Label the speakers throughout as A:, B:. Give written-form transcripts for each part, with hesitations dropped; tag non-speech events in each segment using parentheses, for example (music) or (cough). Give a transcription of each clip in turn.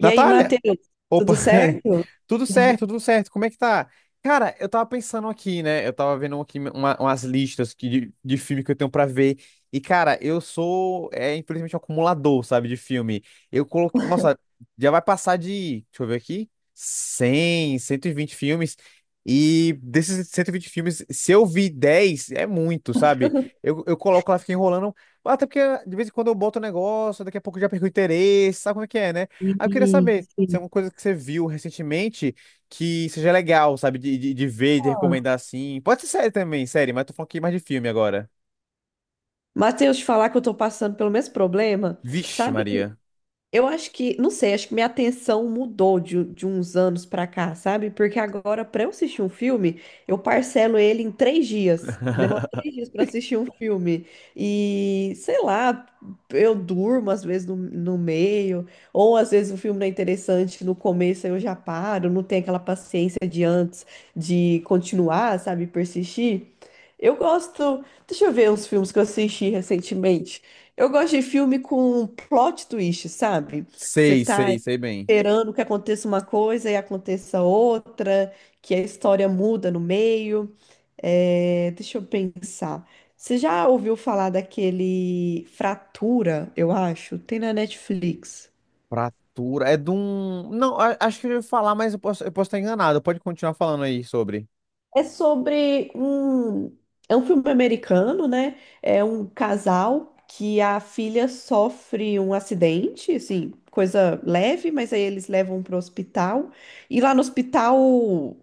A: E aí,
B: Natália!
A: Matheus,
B: Opa!
A: tudo
B: (laughs)
A: certo?
B: Tudo certo, tudo certo. Como é que tá? Cara, eu tava pensando aqui, né? Eu tava vendo aqui umas listas de filme que eu tenho pra ver. E, cara, eu sou, infelizmente, um acumulador, sabe, de filme. Eu coloquei. Nossa, já vai passar de. Deixa eu ver aqui. Cento e vinte filmes. E desses 120 filmes, se eu vi 10, é muito, sabe? Eu coloco lá, fico enrolando. Até porque de vez em quando eu boto o negócio, daqui a pouco eu já perco o interesse, sabe como é que é, né? Ah, eu queria
A: E,
B: saber se é alguma coisa que você viu recentemente que seja legal, sabe? De ver, de recomendar assim. Pode ser série também, série, mas eu tô falando aqui mais de filme agora.
A: Matheus, te falar que eu tô passando pelo mesmo problema,
B: Vixe,
A: sabe?
B: Maria.
A: Eu acho que, não sei, acho que minha atenção mudou de uns anos pra cá, sabe? Porque agora, pra eu assistir um filme, eu parcelo ele em 3 dias. Demora
B: (laughs)
A: 3 dias pra assistir um filme. E, sei lá, eu durmo às vezes no meio, ou às vezes o filme não é interessante no começo, aí eu já paro, não tenho aquela paciência de antes de continuar, sabe? Persistir. Eu gosto. Deixa eu ver uns filmes que eu assisti recentemente. Eu gosto de filme com plot twist, sabe? Que você
B: Sei,
A: tá
B: sei, sei bem.
A: esperando que aconteça uma coisa e aconteça outra, que a história muda no meio. É, deixa eu pensar. Você já ouviu falar daquele Fratura, eu acho? Tem na Netflix.
B: Fratura. É de um. Não, acho que eu já falar, mas eu posso estar enganado. Pode continuar falando aí sobre.
A: É sobre um. É um filme americano, né? É um casal que a filha sofre um acidente, assim, coisa leve, mas aí eles levam pro hospital. E lá no hospital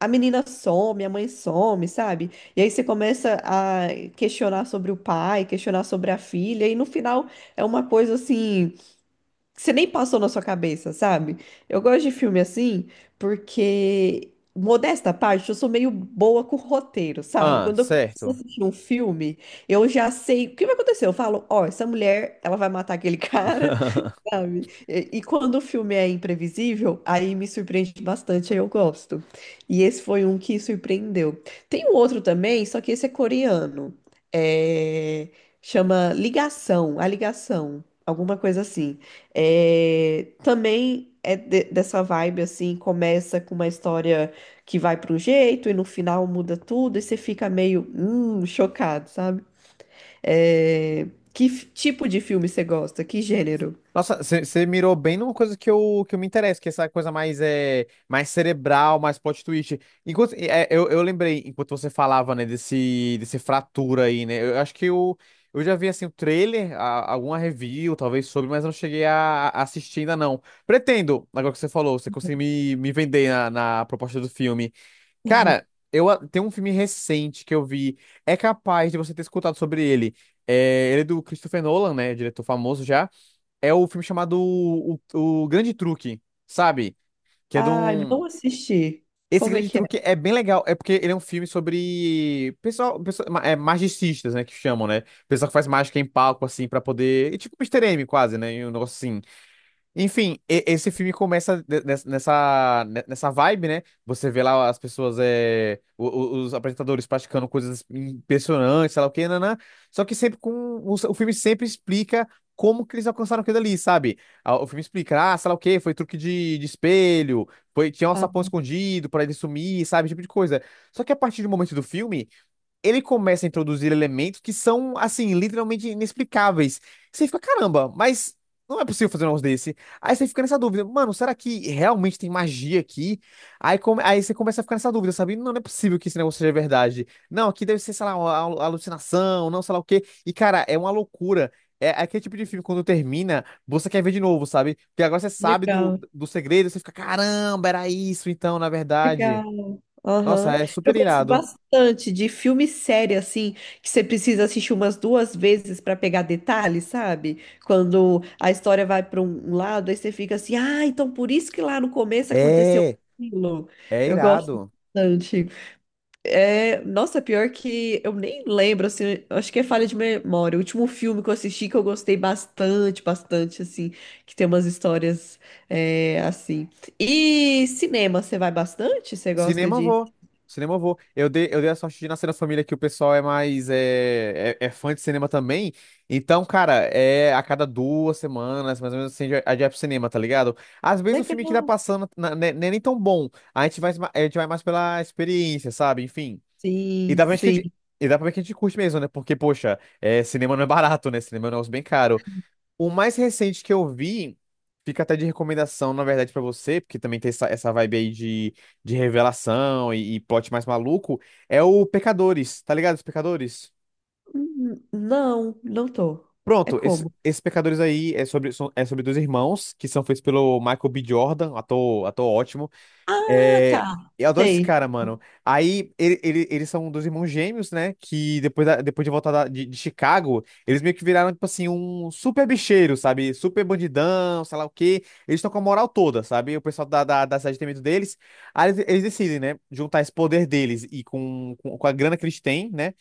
A: a menina some, a mãe some, sabe? E aí você começa a questionar sobre o pai, questionar sobre a filha, e no final é uma coisa assim que você nem passou na sua cabeça, sabe? Eu gosto de filme assim porque, modesta à parte, eu sou meio boa com roteiro, sabe?
B: Ah,
A: Quando eu começo a
B: certo.
A: assistir um filme, eu já sei o que vai acontecer. Eu falo, ó, essa mulher, ela vai matar aquele (laughs) cara,
B: (laughs)
A: sabe? E, quando o filme é imprevisível, aí me surpreende bastante, aí eu gosto. E esse foi um que surpreendeu. Tem um outro também, só que esse é coreano. É, chama Ligação, A Ligação, alguma coisa assim. É, também é dessa vibe assim, começa com uma história que vai para um jeito e no final muda tudo e você fica meio chocado, sabe? É, tipo de filme você gosta? Que gênero?
B: Nossa, você mirou bem numa coisa que eu me interesso, que é essa coisa mais cerebral, mais plot twist. Enquanto, eu lembrei, enquanto você falava, né, desse fratura aí, né? Eu acho que eu já vi, assim, o trailer, alguma review, talvez, sobre, mas eu não cheguei a assistir ainda, não. Pretendo, agora que você falou, você conseguiu me vender na proposta do filme. Cara, tem um filme recente que eu vi, é capaz de você ter escutado sobre ele. Ele é do Christopher Nolan, né, diretor famoso já, é o filme chamado o Grande Truque, sabe? Que é de
A: Ah,
B: um.
A: não assisti.
B: Esse
A: Como é
B: Grande
A: que
B: Truque
A: é?
B: é bem legal, é porque ele é um filme sobre pessoal, magicistas, né, que chamam, né? Pessoal que faz mágica em palco, assim, pra poder, é tipo Mister M, quase, né? E um negócio assim. Enfim, esse filme começa nessa vibe, né? Você vê lá as pessoas, os apresentadores praticando coisas impressionantes, sei lá o quê, nanã. Só que sempre com. O filme sempre explica como que eles alcançaram aquilo ali, sabe? Ah, o filme explica, ah, sei lá o quê, foi truque de espelho, tinha um
A: Ah,
B: sapão escondido pra ele sumir, sabe? Esse tipo de coisa. Só que a partir do momento do filme ele começa a introduzir elementos que são, assim, literalmente inexplicáveis. Você fica, caramba, mas não é possível fazer um negócio desse. Aí você fica nessa dúvida, mano, será que realmente tem magia aqui? Aí você começa a ficar nessa dúvida, sabe? Não, não é possível que esse negócio seja verdade. Não, aqui deve ser, sei lá, uma alucinação, não sei lá o quê. E, cara, é uma loucura. É aquele tipo de filme, quando termina, você quer ver de novo, sabe? Porque agora você sabe do,
A: legal,
B: do segredo, você fica, caramba, era isso então, na verdade.
A: legal.
B: Nossa,
A: Aham.
B: é
A: Eu
B: super
A: gosto
B: irado.
A: bastante de filme série, assim, que você precisa assistir umas duas vezes para pegar detalhes, sabe? Quando a história vai para um lado, aí você fica assim, ah, então por isso que lá no começo aconteceu
B: É.
A: aquilo.
B: É
A: Eu gosto
B: irado.
A: bastante. É, nossa, pior que eu nem lembro, assim, eu acho que é falha de memória. O último filme que eu assisti que eu gostei bastante, bastante, assim, que tem umas histórias, é, assim. E cinema, você vai bastante? Você gosta
B: Cinema eu
A: de...
B: vou. Cinema eu vou. Eu dei a sorte de nascer na família que o pessoal é mais é fã de cinema também. Então, cara, é a cada 2 semanas, mais ou menos assim, a gente vai pro cinema, tá ligado? Às vezes o filme que tá
A: Legal.
B: passando né, não é nem tão bom. A gente vai mais pela experiência, sabe? Enfim. E
A: Sim,
B: dá pra ver que a
A: sim.
B: gente, e dá pra ver que a gente curte mesmo, né? Porque, poxa, cinema não é barato, né? Cinema é um negócio bem caro. O mais recente que eu vi, fica até de recomendação, na verdade, pra você, porque também tem essa vibe aí de revelação e plot mais maluco, é o Pecadores, tá ligado? Os Pecadores?
A: Não, não tô. É
B: Pronto, esse,
A: como?
B: esse Pecadores aí é sobre dois irmãos que são feitos pelo Michael B. Jordan, ator ótimo.
A: Ah,
B: É,
A: tá.
B: eu adoro esse
A: Sei.
B: cara, mano. Aí eles são dois irmãos gêmeos, né? Que depois, depois de voltar de Chicago, eles meio que viraram, tipo assim, um super bicheiro, sabe? Super bandidão, sei lá o quê. Eles estão com a moral toda, sabe? O pessoal da cidade tem medo deles. Aí eles decidem, né? Juntar esse poder deles e com a grana que eles têm, né?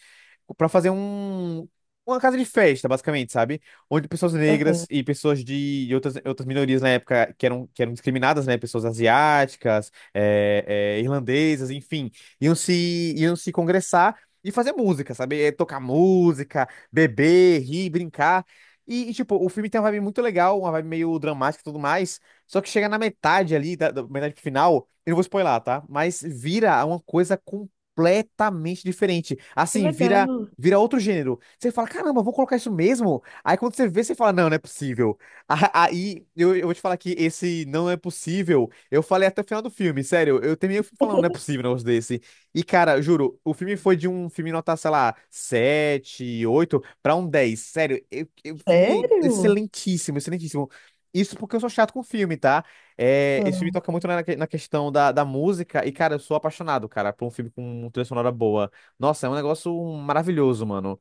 B: Para fazer uma casa de festa, basicamente, sabe? Onde pessoas
A: Aham.
B: negras e pessoas de outras minorias na época que eram discriminadas, né? Pessoas asiáticas, irlandesas, enfim, iam se congressar e fazer música, sabe? Tocar música, beber, rir, brincar. E, tipo, o filme tem uma vibe muito legal, uma vibe meio dramática e tudo mais. Só que chega na metade ali, da metade pro final, eu não vou spoiler, tá? Mas vira uma coisa completamente diferente.
A: Que
B: Assim, vira
A: legal.
B: Vira outro gênero. Você fala, caramba, vou colocar isso mesmo? Aí quando você vê, você fala, não, não é possível. Aí eu vou te falar que esse não é possível. Eu falei até o final do filme, sério. Eu terminei o filme falando, não é possível um negócio desse. E, cara, juro, o filme foi de um filme nota, sei lá, 7, 8 pra um 10, sério, filme é
A: Sério?
B: excelentíssimo, excelentíssimo. Isso porque eu sou chato com filme, tá? Esse filme
A: Ah,
B: toca muito na questão da música. E, cara, eu sou apaixonado, cara, por um filme com uma trilha sonora boa. Nossa, é um negócio maravilhoso, mano.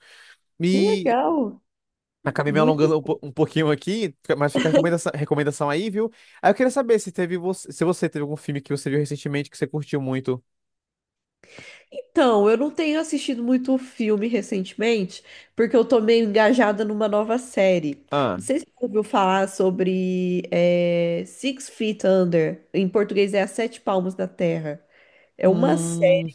A: que
B: E
A: legal.
B: acabei me
A: Muito.
B: alongando um pouquinho aqui, mas fica a recomendação aí, viu? Aí eu queria saber se você teve algum filme que você viu recentemente que você curtiu muito.
A: Então, eu não tenho assistido muito filme recentemente, porque eu tô meio engajada numa nova série. Não
B: Ah,
A: sei se você ouviu falar sobre Six Feet Under. Em português é As Sete Palmos da Terra. É uma,
B: hum,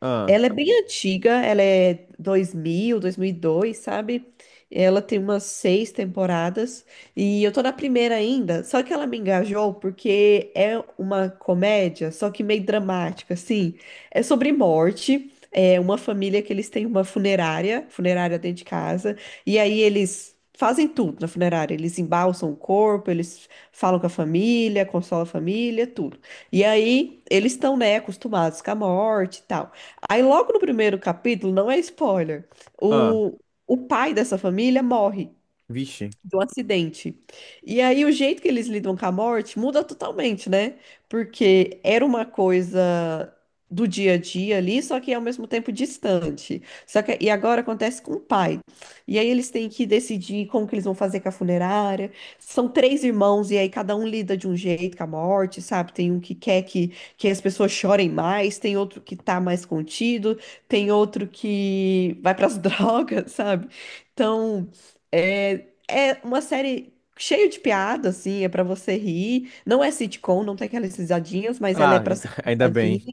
B: ah,
A: ela é bem antiga, ela é 2002, sabe? Ela tem umas seis temporadas e eu tô na primeira ainda, só que ela me engajou porque é uma comédia, só que meio dramática, assim. É sobre morte, é uma família que eles têm uma funerária, funerária dentro de casa, e aí eles fazem tudo na funerária, eles embalsam o corpo, eles falam com a família, consolam a família, tudo. E aí eles estão, né, acostumados com a morte e tal. Aí, logo no primeiro capítulo, não é spoiler,
B: ah,
A: o, o pai dessa família morre
B: vixe.
A: do acidente. E aí o jeito que eles lidam com a morte muda totalmente, né? Porque era uma coisa do dia a dia ali, só que ao mesmo tempo distante. Só que e agora acontece com o pai. E aí eles têm que decidir como que eles vão fazer com a funerária. São três irmãos e aí cada um lida de um jeito com a morte, sabe? Tem um que quer que as pessoas chorem mais, tem outro que tá mais contido, tem outro que vai para as (laughs) drogas, sabe? Então, é, uma série cheia de piada, assim, é pra você rir. Não é sitcom, não tem aquelas risadinhas, mas ela é
B: Ah,
A: pra ser
B: (laughs) ainda
A: engraçadinha.
B: bem.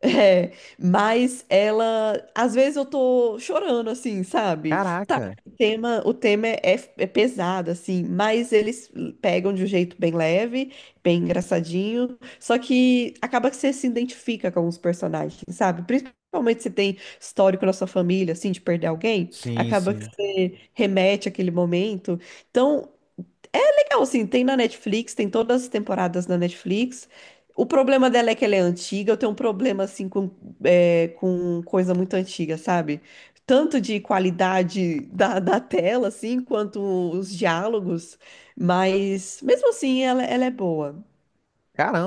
A: É, mas ela, às vezes eu tô chorando assim, sabe? Tá,
B: Caraca.
A: o tema é pesado assim, mas eles pegam de um jeito bem leve, bem engraçadinho, só que acaba que você se identifica com os personagens, sabe? Principalmente se tem histórico na sua família, assim, de perder alguém,
B: Sim,
A: acaba que
B: sim.
A: você remete àquele momento. Então, é legal, assim, tem na Netflix, tem todas as temporadas na Netflix. O problema dela é que ela é antiga, eu tenho um problema, assim, com, é, com coisa muito antiga, sabe? Tanto de qualidade da tela, assim, quanto os diálogos, mas mesmo assim ela é boa.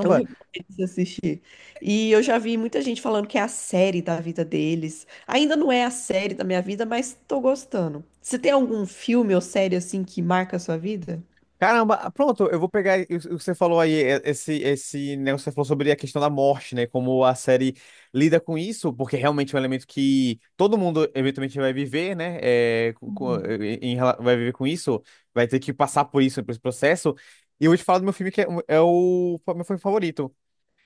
A: Eu recomendo você assistir. E eu já vi muita gente falando que é a série da vida deles. Ainda não é a série da minha vida, mas tô gostando. Você tem algum filme ou série assim que marca a sua vida?
B: Caramba, ah, pronto, eu vou pegar o que você falou aí, esse negócio que você falou sobre a questão da morte, né? Como a série lida com isso, porque realmente é um elemento que todo mundo eventualmente vai viver, né? É,
A: Uhum.
B: vai viver com isso, vai ter que passar por isso, por esse processo. E eu vou te falar do meu filme que é o meu filme favorito.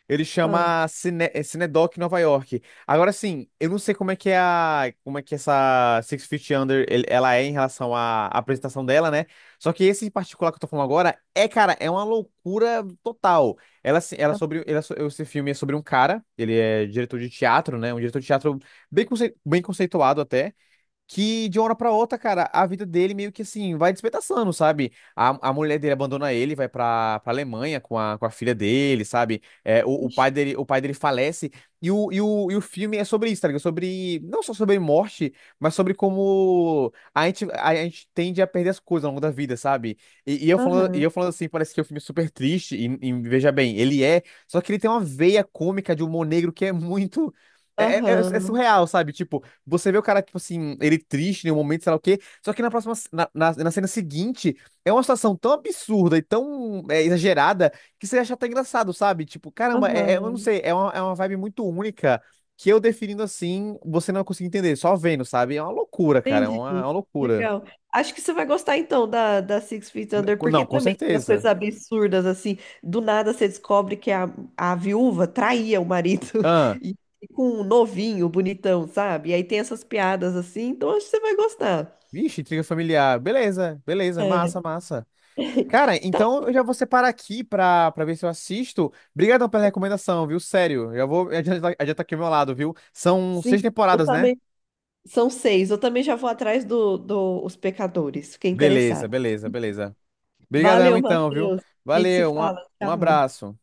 B: Ele
A: Ah.
B: chama Cinedoc Nova York. Agora sim, eu não sei como é que essa Six Feet Under ela é em relação à apresentação dela, né? Só que esse em particular que eu tô falando agora é, cara, é uma loucura total. Ela, se- ela é sobre, Esse filme é sobre um cara, ele é diretor de teatro, né? Um diretor de teatro bem conceituado até que de uma hora pra outra, cara, a vida dele meio que assim vai despedaçando, sabe? A mulher dele abandona ele, vai pra Alemanha com a filha dele, sabe? O, o
A: Ixi,
B: pai dele, o pai dele falece. E o filme é sobre isso, tá ligado? Sobre, não só sobre morte, mas sobre como a gente tende a perder as coisas ao longo da vida, sabe? E, e eu falando, e
A: aham,
B: eu falando assim, parece que é um filme super triste, e veja bem, ele é, só que ele tem uma veia cômica de humor negro que é muito. É
A: aham,
B: surreal, sabe? Tipo, você vê o cara, tipo assim, ele triste em um momento, sei lá o quê. Só que na próxima, na, na, na cena seguinte, é uma situação tão absurda e tão exagerada que você acha até engraçado, sabe? Tipo, caramba, eu não
A: aham.
B: sei, é uma, vibe muito única que eu definindo assim, você não consegue entender, só vendo, sabe? É uma loucura, cara, é
A: Entendi,
B: uma, é uma loucura.
A: legal. Acho que você vai gostar então da Six Feet Under, porque
B: Não, com
A: também tem umas coisas
B: certeza.
A: absurdas, assim. Do nada você descobre que a viúva traía o marido (laughs)
B: Ah,
A: e com um novinho, bonitão, sabe? E aí tem essas piadas assim, então acho que você vai gostar.
B: vixe, intriga familiar. Beleza, beleza,
A: É.
B: massa, massa.
A: (laughs)
B: Cara,
A: Tá,
B: então eu já vou separar aqui pra ver se eu assisto. Obrigadão pela recomendação, viu? Sério, já vou adiantar aqui o meu lado, viu? São seis
A: sim, eu
B: temporadas, né?
A: também. São seis. Eu também já vou atrás do, do Os Pecadores. Fiquei
B: Beleza,
A: interessada.
B: beleza, beleza. Obrigadão
A: Valeu,
B: então, viu?
A: Matheus. A gente se
B: Valeu, um, a-
A: fala.
B: um
A: Tchau.
B: abraço.